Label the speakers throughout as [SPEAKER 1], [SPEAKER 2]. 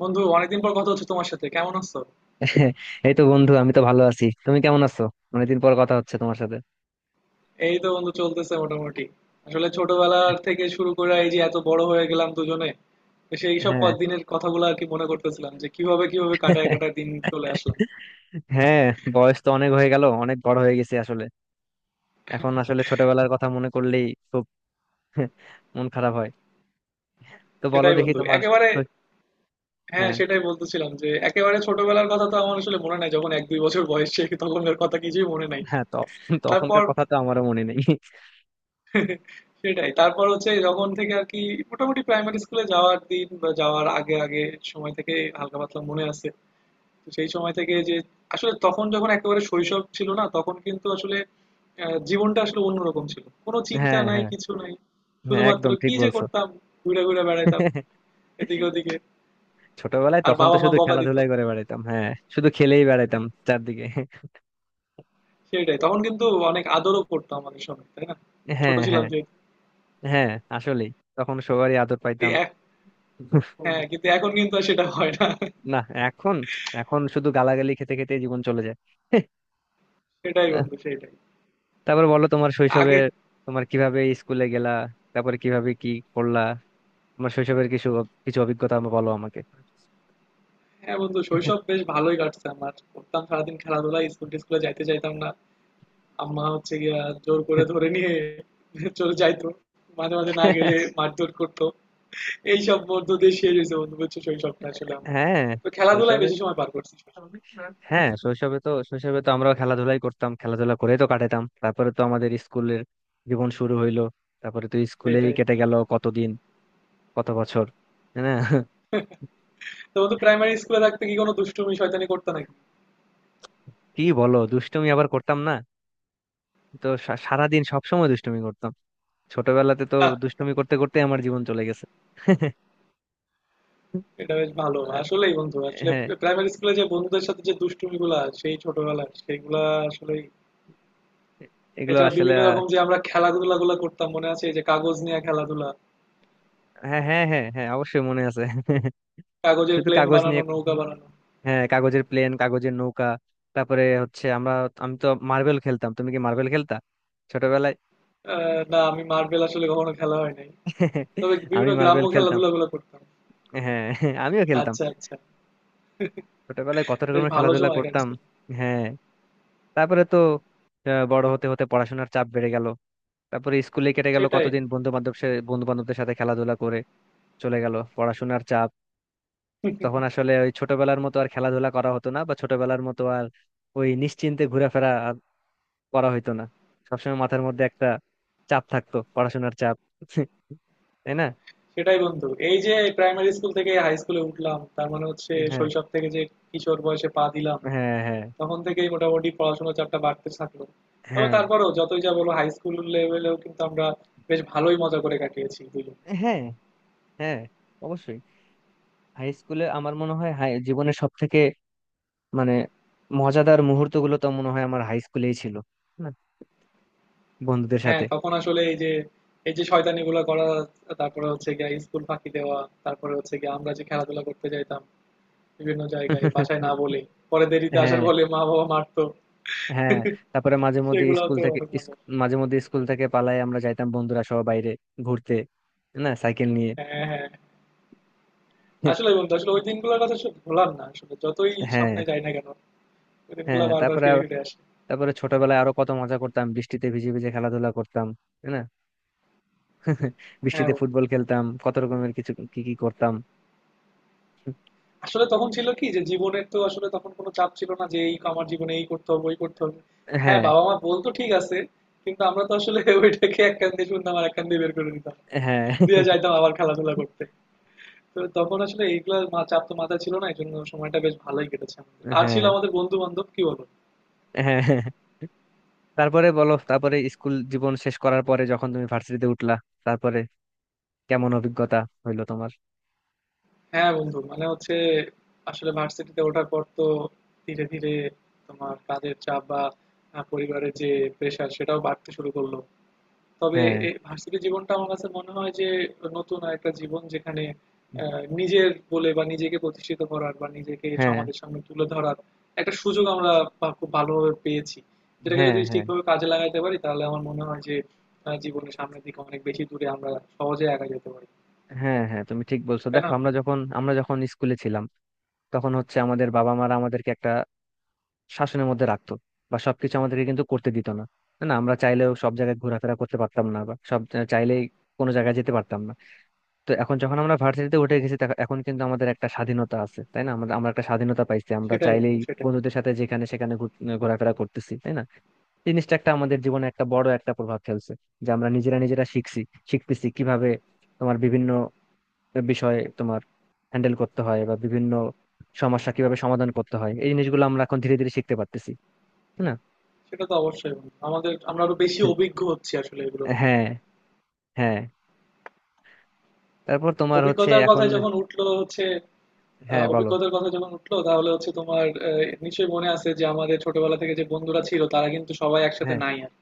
[SPEAKER 1] বন্ধু, অনেকদিন পর কথা হচ্ছে তোমার সাথে, কেমন আছো?
[SPEAKER 2] এই তো বন্ধু, আমি তো ভালো আছি। তুমি কেমন আছো? অনেকদিন পর কথা হচ্ছে তোমার সাথে।
[SPEAKER 1] এই তো বন্ধু, চলতেছে মোটামুটি। আসলে ছোটবেলার থেকে শুরু করে এই যে এত বড় হয়ে গেলাম দুজনে, তো সেই সব
[SPEAKER 2] হ্যাঁ।
[SPEAKER 1] দিনের কথাগুলো আর কি মনে করতেছিলাম, যে কিভাবে কিভাবে কাটায় কাটায় দিন চলে আসলাম।
[SPEAKER 2] হ্যাঁ, বয়স তো অনেক হয়ে গেল, অনেক বড় হয়ে গেছি আসলে। এখন আসলে ছোটবেলার কথা মনে করলেই খুব মন খারাপ হয়। তো বলো
[SPEAKER 1] সেটাই
[SPEAKER 2] দেখি
[SPEAKER 1] বন্ধু,
[SPEAKER 2] তোমার।
[SPEAKER 1] একেবারে। হ্যাঁ,
[SPEAKER 2] হ্যাঁ,
[SPEAKER 1] সেটাই বলতেছিলাম যে একেবারে ছোটবেলার কথা তো আমার আসলে মনে নাই। যখন এক দুই বছর বয়স, সে তখনকার কথা কিছুই মনে নাই।
[SPEAKER 2] হ্যাঁ, তখন তখনকার
[SPEAKER 1] তারপর
[SPEAKER 2] কথা তো আমারও মনে নেই।
[SPEAKER 1] সেটাই, তারপর হচ্ছে যখন থেকে আর কি, মোটামুটি প্রাইমারি স্কুলে যাওয়ার দিন বা যাওয়ার আগে আগে সময় থেকে হালকা পাতলা মনে আছে। তো সেই সময় থেকে যে, আসলে তখন যখন একেবারে শৈশব ছিল না, তখন কিন্তু আসলে জীবনটা আসলে অন্যরকম ছিল, কোনো চিন্তা
[SPEAKER 2] হ্যাঁ,
[SPEAKER 1] নাই
[SPEAKER 2] হ্যাঁ,
[SPEAKER 1] কিছু নাই।
[SPEAKER 2] হ্যাঁ,
[SPEAKER 1] শুধুমাত্র
[SPEAKER 2] একদম ঠিক
[SPEAKER 1] কি যে
[SPEAKER 2] বলছো।
[SPEAKER 1] করতাম, ঘুরে ঘুরে বেড়াতাম এদিকে ওদিকে,
[SPEAKER 2] ছোটবেলায়
[SPEAKER 1] আর
[SPEAKER 2] তখন তো
[SPEAKER 1] বাবা মা
[SPEAKER 2] শুধু
[SPEAKER 1] বকা দিত।
[SPEAKER 2] খেলাধুলাই করে বেড়াতাম। হ্যাঁ, শুধু খেলেই বেড়াতাম চারদিকে।
[SPEAKER 1] সেটাই, তখন কিন্তু অনেক আদরও করতো আমাদের সঙ্গে, তাই না? ছোট
[SPEAKER 2] হ্যাঁ,
[SPEAKER 1] ছিলাম
[SPEAKER 2] হ্যাঁ,
[SPEAKER 1] যেহেতু।
[SPEAKER 2] হ্যাঁ, আসলেই তখন সবারই আদর
[SPEAKER 1] কিন্তু
[SPEAKER 2] পাইতাম।
[SPEAKER 1] এক- হ্যাঁ, কিন্তু এখন কিন্তু আর সেটা হয় না।
[SPEAKER 2] না, এখন এখন শুধু গালাগালি খেতে খেতে জীবন চলে যায়। হ্যাঁ।
[SPEAKER 1] সেটাই
[SPEAKER 2] আহ,
[SPEAKER 1] বন্ধু, সেটাই।
[SPEAKER 2] তারপর বলো তোমার শৈশবে,
[SPEAKER 1] আগে,
[SPEAKER 2] তোমার কিভাবে স্কুলে গেলা, তারপরে কিভাবে কি করলা, তোমার শৈশবের কিছু কিছু অভিজ্ঞতা আমাকে বলো, আমাকে।
[SPEAKER 1] হ্যাঁ বন্ধু, শৈশব বেশ ভালোই কাটছে আমার। করতাম সারাদিন খেলাধুলা, স্কুল টিস্কুলে যাইতে চাইতাম না। আম্মা হচ্ছে গিয়া জোর করে ধরে নিয়ে চলে যাইতো, মাঝে মাঝে না গেলে মারধর করতো। এইসব মধ্য দিয়ে শেষ হয়েছে বন্ধু, বুঝছো, শৈশবটা আসলে আমার।
[SPEAKER 2] হ্যাঁ
[SPEAKER 1] তো খেলাধুলায়
[SPEAKER 2] শৈশবে
[SPEAKER 1] বেশি সময় পার করছি শৈশব।
[SPEAKER 2] হ্যাঁ, শৈশবে তো আমরাও খেলাধুলাই করতাম, খেলাধুলা করে তো কাটাতাম। তারপরে তো আমাদের স্কুলের জীবন শুরু হইলো। তারপরে তো স্কুলেই
[SPEAKER 1] সেটাই,
[SPEAKER 2] কেটে গেল কতদিন, কত বছর। হ্যাঁ।
[SPEAKER 1] তো বন্ধু প্রাইমারি স্কুলে থাকতে কি কোনো দুষ্টুমি শয়তানি করতে নাকি?
[SPEAKER 2] কি বলো, দুষ্টুমি আবার করতাম না? তো সারাদিন সবসময় দুষ্টুমি করতাম। ছোটবেলাতে তো
[SPEAKER 1] আহ,
[SPEAKER 2] দুষ্টুমি করতে করতে আমার জীবন চলে গেছে।
[SPEAKER 1] এটা বেশ ভালো আসলেই বন্ধু, আসলে
[SPEAKER 2] হ্যাঁ,
[SPEAKER 1] প্রাইমারি স্কুলে যে বন্ধুদের সাথে যে দুষ্টুমি গুলা, সেই ছোটবেলার সেইগুলা আসলে,
[SPEAKER 2] এগুলো
[SPEAKER 1] এছাড়া
[SPEAKER 2] আসলে
[SPEAKER 1] বিভিন্ন
[SPEAKER 2] আহ,
[SPEAKER 1] রকম যে আমরা খেলাধুলা গুলা করতাম মনে আছে, এই যে কাগজ নিয়ে খেলাধুলা,
[SPEAKER 2] হ্যাঁ, হ্যাঁ, হ্যাঁ, হ্যাঁ, অবশ্যই মনে আছে।
[SPEAKER 1] কাগজের
[SPEAKER 2] শুধু
[SPEAKER 1] প্লেন
[SPEAKER 2] কাগজ
[SPEAKER 1] বানানো,
[SPEAKER 2] নিয়ে?
[SPEAKER 1] নৌকা বানানো।
[SPEAKER 2] হ্যাঁ, কাগজের প্লেন, কাগজের নৌকা। তারপরে হচ্ছে আমরা। আমি তো মার্বেল খেলতাম, তুমি কি মার্বেল খেলতা ছোটবেলায়?
[SPEAKER 1] আ না, আমি মার্বেল আসলে কখনো খেলা হয় নাই। তবে
[SPEAKER 2] আমি
[SPEAKER 1] বিভিন্ন গ্রাম্য
[SPEAKER 2] মার্বেল খেলতাম।
[SPEAKER 1] খেলাধুলাগুলো করতাম।
[SPEAKER 2] হ্যাঁ। আমিও খেলতাম।
[SPEAKER 1] আচ্ছা, আচ্ছা।
[SPEAKER 2] ছোটবেলায় কত
[SPEAKER 1] বেশ
[SPEAKER 2] রকমের
[SPEAKER 1] ভালো
[SPEAKER 2] খেলাধুলা
[SPEAKER 1] সময়
[SPEAKER 2] করতাম।
[SPEAKER 1] কাটছে।
[SPEAKER 2] হ্যাঁ, তারপরে তো বড় হতে হতে পড়াশোনার চাপ বেড়ে গেল। তারপরে স্কুলে কেটে গেল
[SPEAKER 1] সেটাই,
[SPEAKER 2] কতদিন, বন্ধু বান্ধবদের সাথে খেলাধুলা করে চলে গেল পড়াশোনার চাপ। তখন আসলে ওই ছোটবেলার মতো আর খেলাধুলা করা হতো না, বা ছোটবেলার মতো আর ওই নিশ্চিন্তে ঘোরাফেরা আর করা হইতো না। সবসময় মাথার মধ্যে একটা চাপ থাকতো, পড়াশোনার চাপ। তাই না?
[SPEAKER 1] সেটাই বন্ধু। এই যে প্রাইমারি স্কুল থেকে হাই স্কুলে উঠলাম, তার মানে হচ্ছে
[SPEAKER 2] হ্যাঁ,
[SPEAKER 1] শৈশব থেকে যে কিশোর বয়সে পা দিলাম,
[SPEAKER 2] হ্যাঁ, হ্যাঁ,
[SPEAKER 1] তখন থেকেই মোটামুটি পড়াশোনার চাপটা বাড়তে থাকলো। তবে
[SPEAKER 2] হ্যাঁ,
[SPEAKER 1] তারপরেও যতই যা বলো, হাই স্কুল লেভেলেও কিন্তু আমরা বেশ ভালোই মজা করে কাটিয়েছি দুজন।
[SPEAKER 2] হ্যাঁ, হ্যাঁ, অবশ্যই। হাই স্কুলে আমার মনে হয়, জীবনের সব থেকে মানে মজাদার মুহূর্তগুলো তো মনে হয় আমার হাই স্কুলেই ছিল, না? বন্ধুদের
[SPEAKER 1] হ্যাঁ,
[SPEAKER 2] সাথে।
[SPEAKER 1] তখন আসলে এই যে শয়তানিগুলো করা, তারপরে হচ্ছে গিয়ে স্কুল ফাঁকি দেওয়া, তারপরে হচ্ছে গিয়ে আমরা যে খেলাধুলা করতে যাইতাম বিভিন্ন জায়গায় বাসায় না বলে, পরে দেরিতে আসার
[SPEAKER 2] হ্যাঁ,
[SPEAKER 1] বলে মা বাবা মারতো,
[SPEAKER 2] হ্যাঁ, তারপরে মাঝে মধ্যে
[SPEAKER 1] সেগুলো
[SPEAKER 2] স্কুল
[SPEAKER 1] তো
[SPEAKER 2] থেকে
[SPEAKER 1] অনেক
[SPEAKER 2] ইস-
[SPEAKER 1] মনে।
[SPEAKER 2] মাঝে মধ্যে স্কুল থেকে পালাই আমরা যাইতাম বন্ধুরা সহ বাইরে ঘুরতে, না সাইকেল নিয়ে।
[SPEAKER 1] হ্যাঁ হ্যাঁ, আসলে বন্ধু, আসলে ওই দিনগুলোর কথা আসলে ভোলার না, আসলে যতই
[SPEAKER 2] হ্যাঁ,
[SPEAKER 1] সামনে যাই না কেন ওই দিনগুলো
[SPEAKER 2] হ্যাঁ,
[SPEAKER 1] বারবার
[SPEAKER 2] তারপরে
[SPEAKER 1] ফিরে
[SPEAKER 2] আব-
[SPEAKER 1] ফিরে আসে।
[SPEAKER 2] তারপরে ছোটবেলায় আরো কত মজা করতাম, বৃষ্টিতে ভিজে ভিজে খেলাধুলা করতাম। তাই না?
[SPEAKER 1] হ্যাঁ
[SPEAKER 2] বৃষ্টিতে
[SPEAKER 1] বন্ধু,
[SPEAKER 2] ফুটবল খেলতাম, কত রকমের কিছু কি কি করতাম।
[SPEAKER 1] আসলে তখন ছিল কি যে জীবনের তো আসলে তখন কোনো চাপ ছিল না, যে এই আমার জীবনে এই করতে হবে ওই করতে হবে। হ্যাঁ,
[SPEAKER 2] হ্যাঁ,
[SPEAKER 1] বাবা মা বলতো ঠিক আছে, কিন্তু আমরা তো আসলে ওইটাকে এক কান দিয়ে শুনতাম আর এক কান দিয়ে বের করে দিতাম,
[SPEAKER 2] হ্যাঁ,
[SPEAKER 1] দিয়ে যাইতাম আবার খেলাধুলা করতে। তো তখন আসলে চাপ তো মাথায় ছিল না, এই জন্য সময়টা বেশ ভালোই কেটেছে আমাদের, আর ছিল
[SPEAKER 2] হ্যাঁ,
[SPEAKER 1] আমাদের বন্ধু বান্ধব, কি বলবো।
[SPEAKER 2] হ্যাঁ। তারপরে বলো, তারপরে স্কুল জীবন শেষ করার পরে যখন তুমি ভার্সিটিতে উঠলা, তারপরে কেমন অভিজ্ঞতা হইলো তোমার?
[SPEAKER 1] হ্যাঁ বন্ধু, মানে হচ্ছে আসলে ভার্সিটিতে ওঠার পর তো ধীরে ধীরে তোমার কাজের চাপ বা পরিবারের যে প্রেশার সেটাও বাড়তে শুরু করলো। তবে
[SPEAKER 2] হ্যাঁ,
[SPEAKER 1] এ ভার্সিটি জীবনটা আমার কাছে মনে হয় যে নতুন একটা জীবন, যেখানে নিজের বলে বা নিজেকে প্রতিষ্ঠিত করার বা নিজেকে
[SPEAKER 2] হ্যাঁ,
[SPEAKER 1] সমাজের সামনে তুলে ধরার একটা সুযোগ আমরা খুব ভালোভাবে পেয়েছি। যেটাকে
[SPEAKER 2] হ্যাঁ,
[SPEAKER 1] যদি
[SPEAKER 2] হ্যাঁ,
[SPEAKER 1] ঠিকভাবে কাজে লাগাতে পারি, তাহলে আমার মনে হয় যে জীবনের সামনের দিকে অনেক বেশি দূরে আমরা সহজে এগিয়ে যেতে পারি,
[SPEAKER 2] হ্যাঁ, হ্যাঁ, তুমি ঠিক বলছো।
[SPEAKER 1] তাই
[SPEAKER 2] দেখো,
[SPEAKER 1] না?
[SPEAKER 2] আমরা যখন স্কুলে ছিলাম, তখন হচ্ছে আমাদের বাবা মারা আমাদেরকে একটা শাসনের মধ্যে রাখতো, বা সবকিছু আমাদেরকে কিন্তু করতে দিত না। না, আমরা চাইলেও সব জায়গায় ঘোরাফেরা করতে পারতাম না, বা চাইলেই কোনো জায়গায় যেতে পারতাম না। তো এখন যখন আমরা ভার্সিটিতে উঠে গেছি, এখন কিন্তু আমাদের একটা স্বাধীনতা আছে, তাই না? আমরা একটা স্বাধীনতা পাইছি, আমরা
[SPEAKER 1] সেটাই
[SPEAKER 2] চাইলেই
[SPEAKER 1] বন্ধু, সেটাই।
[SPEAKER 2] বন্ধুদের সাথে যেখানে সেখানে ঘোরাফেরা করতেছি, তাই না? জিনিসটা একটা আমাদের জীবনে একটা বড় একটা প্রভাব ফেলছে, যে আমরা নিজেরা নিজেরা শিখছি, শিখতেছি কিভাবে তোমার বিভিন্ন বিষয় তোমার হ্যান্ডেল করতে হয়, বা বিভিন্ন সমস্যা কিভাবে সমাধান করতে হয়। এই জিনিসগুলো আমরা এখন ধীরে ধীরে শিখতে পারতেছি, তাই না?
[SPEAKER 1] সেটা তো অবশ্যই বন্ধু, আমাদের আমরা আরো বেশি অভিজ্ঞ হচ্ছি আসলে এগুলোর।
[SPEAKER 2] হ্যাঁ, হ্যাঁ, তারপর তোমার হচ্ছে
[SPEAKER 1] অভিজ্ঞতার
[SPEAKER 2] এখন।
[SPEAKER 1] কথা যখন উঠলো হচ্ছে,
[SPEAKER 2] হ্যাঁ, বলো।
[SPEAKER 1] অভিজ্ঞতার কথা যখন উঠলো তাহলে হচ্ছে তোমার নিশ্চয়ই মনে আছে যে আমাদের ছোটবেলা থেকে যে বন্ধুরা ছিল, তারা কিন্তু সবাই একসাথে
[SPEAKER 2] হ্যাঁ,
[SPEAKER 1] নাই আর।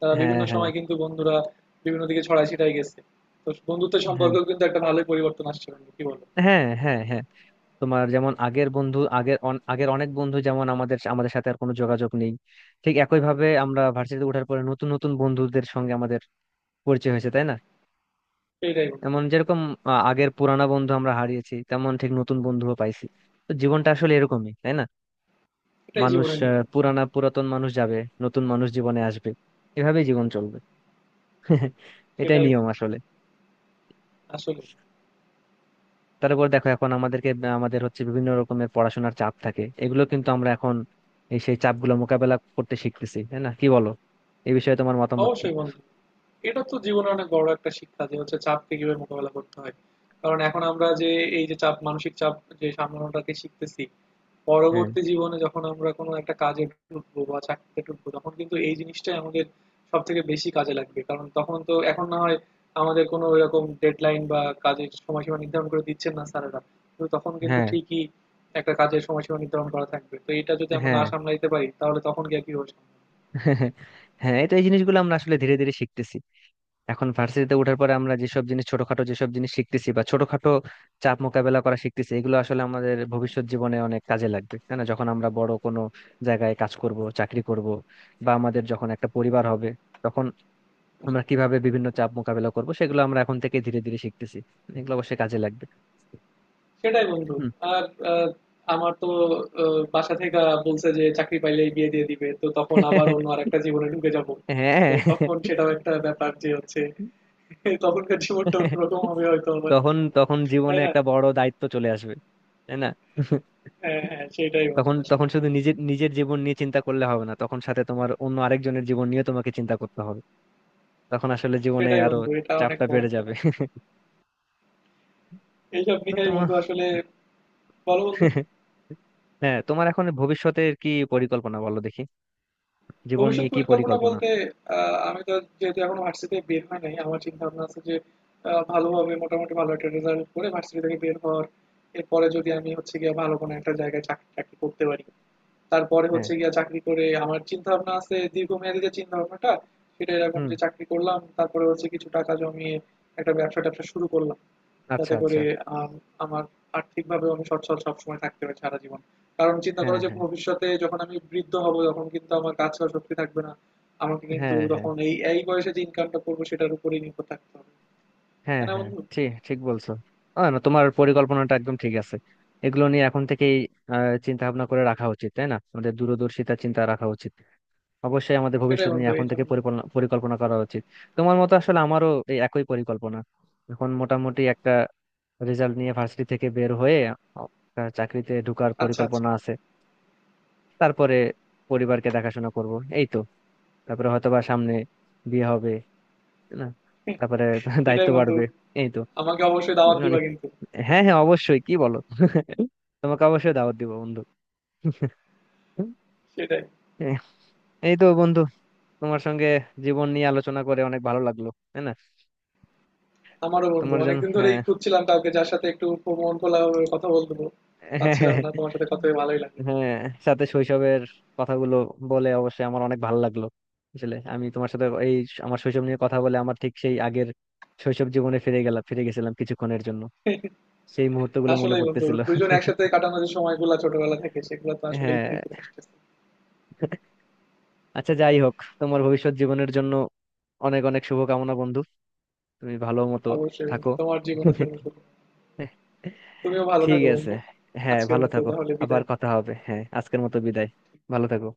[SPEAKER 1] তারা
[SPEAKER 2] হ্যাঁ,
[SPEAKER 1] বিভিন্ন
[SPEAKER 2] হ্যাঁ,
[SPEAKER 1] সময় কিন্তু বন্ধুরা বিভিন্ন দিকে ছড়ায় ছিটায় গেছে। তো বন্ধুত্বের
[SPEAKER 2] হ্যাঁ,
[SPEAKER 1] সম্পর্কেও কিন্তু একটা ভালোই পরিবর্তন আসছে বন্ধু, কি বলো?
[SPEAKER 2] হ্যাঁ, হ্যাঁ, হ্যাঁ, তোমার যেমন আগের বন্ধু, আগের অনেক বন্ধু যেমন আমাদের আমাদের সাথে আর কোনো যোগাযোগ নেই, ঠিক একই ভাবে আমরা ভার্সিটিতে ওঠার পরে নতুন নতুন বন্ধুদের সঙ্গে আমাদের পরিচয় হয়েছে, তাই না?
[SPEAKER 1] সেটাই বন্ধু,
[SPEAKER 2] এমন যেরকম আগের পুরানা বন্ধু আমরা হারিয়েছি, তেমন ঠিক নতুন বন্ধুও পাইছি। তো জীবনটা আসলে এরকমই, তাই না?
[SPEAKER 1] এটাই
[SPEAKER 2] মানুষ,
[SPEAKER 1] জীবনের নিয়ম।
[SPEAKER 2] পুরানা পুরাতন মানুষ যাবে, নতুন মানুষ জীবনে আসবে, এভাবেই জীবন চলবে। এটাই
[SPEAKER 1] সেটাই
[SPEAKER 2] নিয়ম
[SPEAKER 1] বন্ধু,
[SPEAKER 2] আসলে।
[SPEAKER 1] আসলে
[SPEAKER 2] তারপর দেখো, এখন আমাদেরকে আমাদের হচ্ছে বিভিন্ন রকমের পড়াশোনার চাপ থাকে, এগুলো কিন্তু আমরা এখন এই সেই চাপগুলো মোকাবেলা করতে শিখতেছি, তাই না? কি বলো, এই বিষয়ে তোমার মতামত কি?
[SPEAKER 1] অবশ্যই বন্ধু, এটা তো জীবনের অনেক বড় একটা শিক্ষা যে হচ্ছে চাপকে কিভাবে মোকাবেলা করতে হয়। কারণ এখন আমরা যে এই যে চাপ, মানসিক চাপ যে সামলানোটাকে শিখতেছি,
[SPEAKER 2] হ্যাঁ,
[SPEAKER 1] পরবর্তী জীবনে যখন আমরা কোনো একটা কাজে ঢুকবো বা চাকরিতে ঢুকবো, তখন কিন্তু এই জিনিসটাই আমাদের সব থেকে বেশি কাজে লাগবে। কারণ তখন তো এখন না হয় আমাদের কোনো এরকম ডেডলাইন বা কাজের সময়সীমা নির্ধারণ করে দিচ্ছেন না স্যারেরা, কিন্তু তখন কিন্তু
[SPEAKER 2] হ্যাঁ,
[SPEAKER 1] ঠিকই একটা কাজের সময়সীমা নির্ধারণ করা থাকবে। তো এটা যদি আমরা
[SPEAKER 2] হ্যাঁ।
[SPEAKER 1] না সামলাইতে পারি, তাহলে তখন গিয়ে কি হবে সামলানো?
[SPEAKER 2] হ্যাঁ, এটা এই জিনিসগুলো আমরা আসলে ধীরে ধীরে শিখতেছি। এখন ভার্সিটিতে ওঠার পরে আমরা যেসব জিনিস ছোটখাটো যেসব জিনিস শিখতেছি, বা ছোটখাটো চাপ মোকাবেলা করা শিখতেছি, এগুলো আসলে আমাদের ভবিষ্যৎ জীবনে অনেক কাজে লাগবে, তাই না? যখন আমরা বড় কোনো জায়গায় কাজ করব, চাকরি করব, বা আমাদের যখন একটা পরিবার হবে, তখন আমরা কিভাবে বিভিন্ন চাপ মোকাবেলা করব, সেগুলো আমরা এখন থেকে ধীরে ধীরে শিখতেছি, এগুলো অবশ্যই কাজে লাগবে।
[SPEAKER 1] সেটাই বন্ধু।
[SPEAKER 2] হুম।
[SPEAKER 1] আর আহ, আমার তো বাসা থেকে বলছে যে চাকরি পাইলেই বিয়ে দিয়ে দিবে, তো তখন আবার অন্য আর একটা জীবনে ঢুকে যাব। তো
[SPEAKER 2] হ্যাঁ,
[SPEAKER 1] তখন সেটাও একটা ব্যাপার যে হচ্ছে তখনকার জীবনটা অন্যরকম হবে হয়তো আবার,
[SPEAKER 2] তখন তখন
[SPEAKER 1] তাই
[SPEAKER 2] জীবনে
[SPEAKER 1] না?
[SPEAKER 2] একটা বড় দায়িত্ব চলে আসবে, তাই না?
[SPEAKER 1] হ্যাঁ হ্যাঁ, সেটাই বন্ধু,
[SPEAKER 2] তখন তখন
[SPEAKER 1] আসলে
[SPEAKER 2] শুধু নিজের নিজের জীবন নিয়ে চিন্তা করলে হবে না, তখন সাথে তোমার অন্য আরেকজনের জীবন নিয়ে তোমাকে চিন্তা করতে হবে। তখন আসলে জীবনে
[SPEAKER 1] সেটাই
[SPEAKER 2] আরো
[SPEAKER 1] বন্ধু, এটা অনেক
[SPEAKER 2] চাপটা
[SPEAKER 1] বড়
[SPEAKER 2] বেড়ে
[SPEAKER 1] একটা
[SPEAKER 2] যাবে।
[SPEAKER 1] দায়িত্ব। এইসব
[SPEAKER 2] তো
[SPEAKER 1] নিয়েই
[SPEAKER 2] তোমার।
[SPEAKER 1] বন্ধু, আসলে বলো বন্ধু।
[SPEAKER 2] হ্যাঁ, তোমার এখন ভবিষ্যতের কি পরিকল্পনা, বলো দেখি, জীবন
[SPEAKER 1] ভবিষ্যৎ
[SPEAKER 2] নিয়ে কি
[SPEAKER 1] পরিকল্পনা
[SPEAKER 2] পরিকল্পনা?
[SPEAKER 1] বলতে, আমি তো যেহেতু এখনো ভার্সিটি বের হয় নাই, আমার চিন্তা ভাবনা আছে যে ভালোভাবে মোটামুটি ভালো একটা রেজাল্ট করে ভার্সিটি থেকে বের হওয়ার। এরপরে যদি আমি হচ্ছে গিয়ে ভালো কোনো একটা জায়গায় চাকরি টাকরি করতে পারি, তারপরে
[SPEAKER 2] হ্যাঁ।
[SPEAKER 1] হচ্ছে গিয়া চাকরি করে আমার চিন্তা ভাবনা আছে দীর্ঘমেয়াদী যে চিন্তা ভাবনাটা, সেটা এরকম
[SPEAKER 2] হুম।
[SPEAKER 1] যে চাকরি করলাম, তারপরে হচ্ছে কিছু টাকা জমিয়ে একটা ব্যবসা ট্যাবসা শুরু করলাম,
[SPEAKER 2] আচ্ছা,
[SPEAKER 1] যাতে করে
[SPEAKER 2] আচ্ছা।
[SPEAKER 1] আম, আমার আর্থিকভাবে আমি সচ্ছল সবসময় থাকতে পারি সারা জীবন। কারণ চিন্তা করো
[SPEAKER 2] হ্যাঁ,
[SPEAKER 1] যে
[SPEAKER 2] হ্যাঁ,
[SPEAKER 1] ভবিষ্যতে যখন আমি বৃদ্ধ হব, তখন কিন্তু আমার কাজ করার শক্তি থাকবে না। আমাকে কিন্তু
[SPEAKER 2] হ্যাঁ, হ্যাঁ,
[SPEAKER 1] তখন এই এই বয়সে যে ইনকামটা করবো সেটার উপরেই নির্ভর থাকতে হবে,
[SPEAKER 2] হ্যাঁ,
[SPEAKER 1] তাই না
[SPEAKER 2] হ্যাঁ,
[SPEAKER 1] বন্ধু?
[SPEAKER 2] ঠিক ঠিক বলছো। না, তোমার পরিকল্পনাটা একদম ঠিক আছে। এগুলো নিয়ে এখন থেকেই চিন্তা ভাবনা করে রাখা উচিত, তাই না? আমাদের দূরদর্শিতা চিন্তা রাখা উচিত। অবশ্যই আমাদের
[SPEAKER 1] সেটাই
[SPEAKER 2] ভবিষ্যৎ নিয়ে
[SPEAKER 1] বন্ধু, এই
[SPEAKER 2] এখন থেকে
[SPEAKER 1] জন্য
[SPEAKER 2] পরিকল্পনা পরিকল্পনা করা উচিত। তোমার মতো আসলে আমারও এই একই পরিকল্পনা। এখন মোটামুটি একটা রেজাল্ট নিয়ে ভার্সিটি থেকে বের হয়ে একটা চাকরিতে ঢোকার
[SPEAKER 1] আচ্ছা
[SPEAKER 2] পরিকল্পনা
[SPEAKER 1] আচ্ছা।
[SPEAKER 2] আছে। তারপরে পরিবারকে দেখাশোনা করব, এই তো। তারপরে হয়তোবা সামনে বিয়ে হবে, তাই না? তারপরে দায়িত্ব
[SPEAKER 1] সেটাই বন্ধু,
[SPEAKER 2] বাড়বে। এই তো।
[SPEAKER 1] আমাকে অবশ্যই দাওয়াত দিবা
[SPEAKER 2] অনেক-
[SPEAKER 1] কিন্তু।
[SPEAKER 2] হ্যাঁ, হ্যাঁ, অবশ্যই, কি বলো, তোমাকে অবশ্যই দাওয়াত দিব বন্ধু।
[SPEAKER 1] সেটাই,
[SPEAKER 2] এই এই তো বন্ধু, তোমার সঙ্গে জীবন নিয়ে আলোচনা করে অনেক ভালো লাগলো, তাই না?
[SPEAKER 1] আমারও বন্ধু
[SPEAKER 2] তোমার জন্য,
[SPEAKER 1] অনেকদিন
[SPEAKER 2] হ্যাঁ,
[SPEAKER 1] ধরেই খুঁজছিলাম কাউকে যার সাথে একটু মন খোলা ভাবে কথা বলবো,
[SPEAKER 2] হ্যাঁ, হ্যাঁ,
[SPEAKER 1] পাচ্ছিলাম না। তোমার সাথে কথা হয়ে ভালোই লাগলো।
[SPEAKER 2] হ্যাঁ, হ্যাঁ। সাথে শৈশবের কথাগুলো বলে অবশ্যই আমার অনেক ভালো লাগলো। আসলে আমি তোমার সাথে আমার শৈশব নিয়ে কথা বলে আমার ঠিক সেই আগের শৈশব জীবনে ফিরে গেলাম, ফিরে গেছিলাম কিছুক্ষণের জন্য, সেই মুহূর্তগুলো মনে
[SPEAKER 1] আসলেই বন্ধু,
[SPEAKER 2] পড়তেছিল।
[SPEAKER 1] দুজন একসাথে কাটানো যে সময়গুলো ছোটবেলা থেকে, সেগুলো তো আসলেই
[SPEAKER 2] হ্যাঁ,
[SPEAKER 1] ফিরে ফিরে আসতেছে।
[SPEAKER 2] আচ্ছা, যাই হোক, তোমার ভবিষ্যৎ জীবনের জন্য অনেক অনেক শুভকামনা বন্ধু। তুমি ভালো মতো
[SPEAKER 1] অবশ্যই
[SPEAKER 2] থাকো।
[SPEAKER 1] বন্ধু, তোমার জীবনের জন্য শুভ। তুমিও ভালো
[SPEAKER 2] ঠিক
[SPEAKER 1] থাকো
[SPEAKER 2] আছে,
[SPEAKER 1] বন্ধু।
[SPEAKER 2] হ্যাঁ,
[SPEAKER 1] আজকের
[SPEAKER 2] ভালো
[SPEAKER 1] মতো
[SPEAKER 2] থাকো।
[SPEAKER 1] তাহলে
[SPEAKER 2] আবার
[SPEAKER 1] বিদায়।
[SPEAKER 2] কথা হবে, হ্যাঁ, আজকের মতো বিদায়। ভালো থাকো।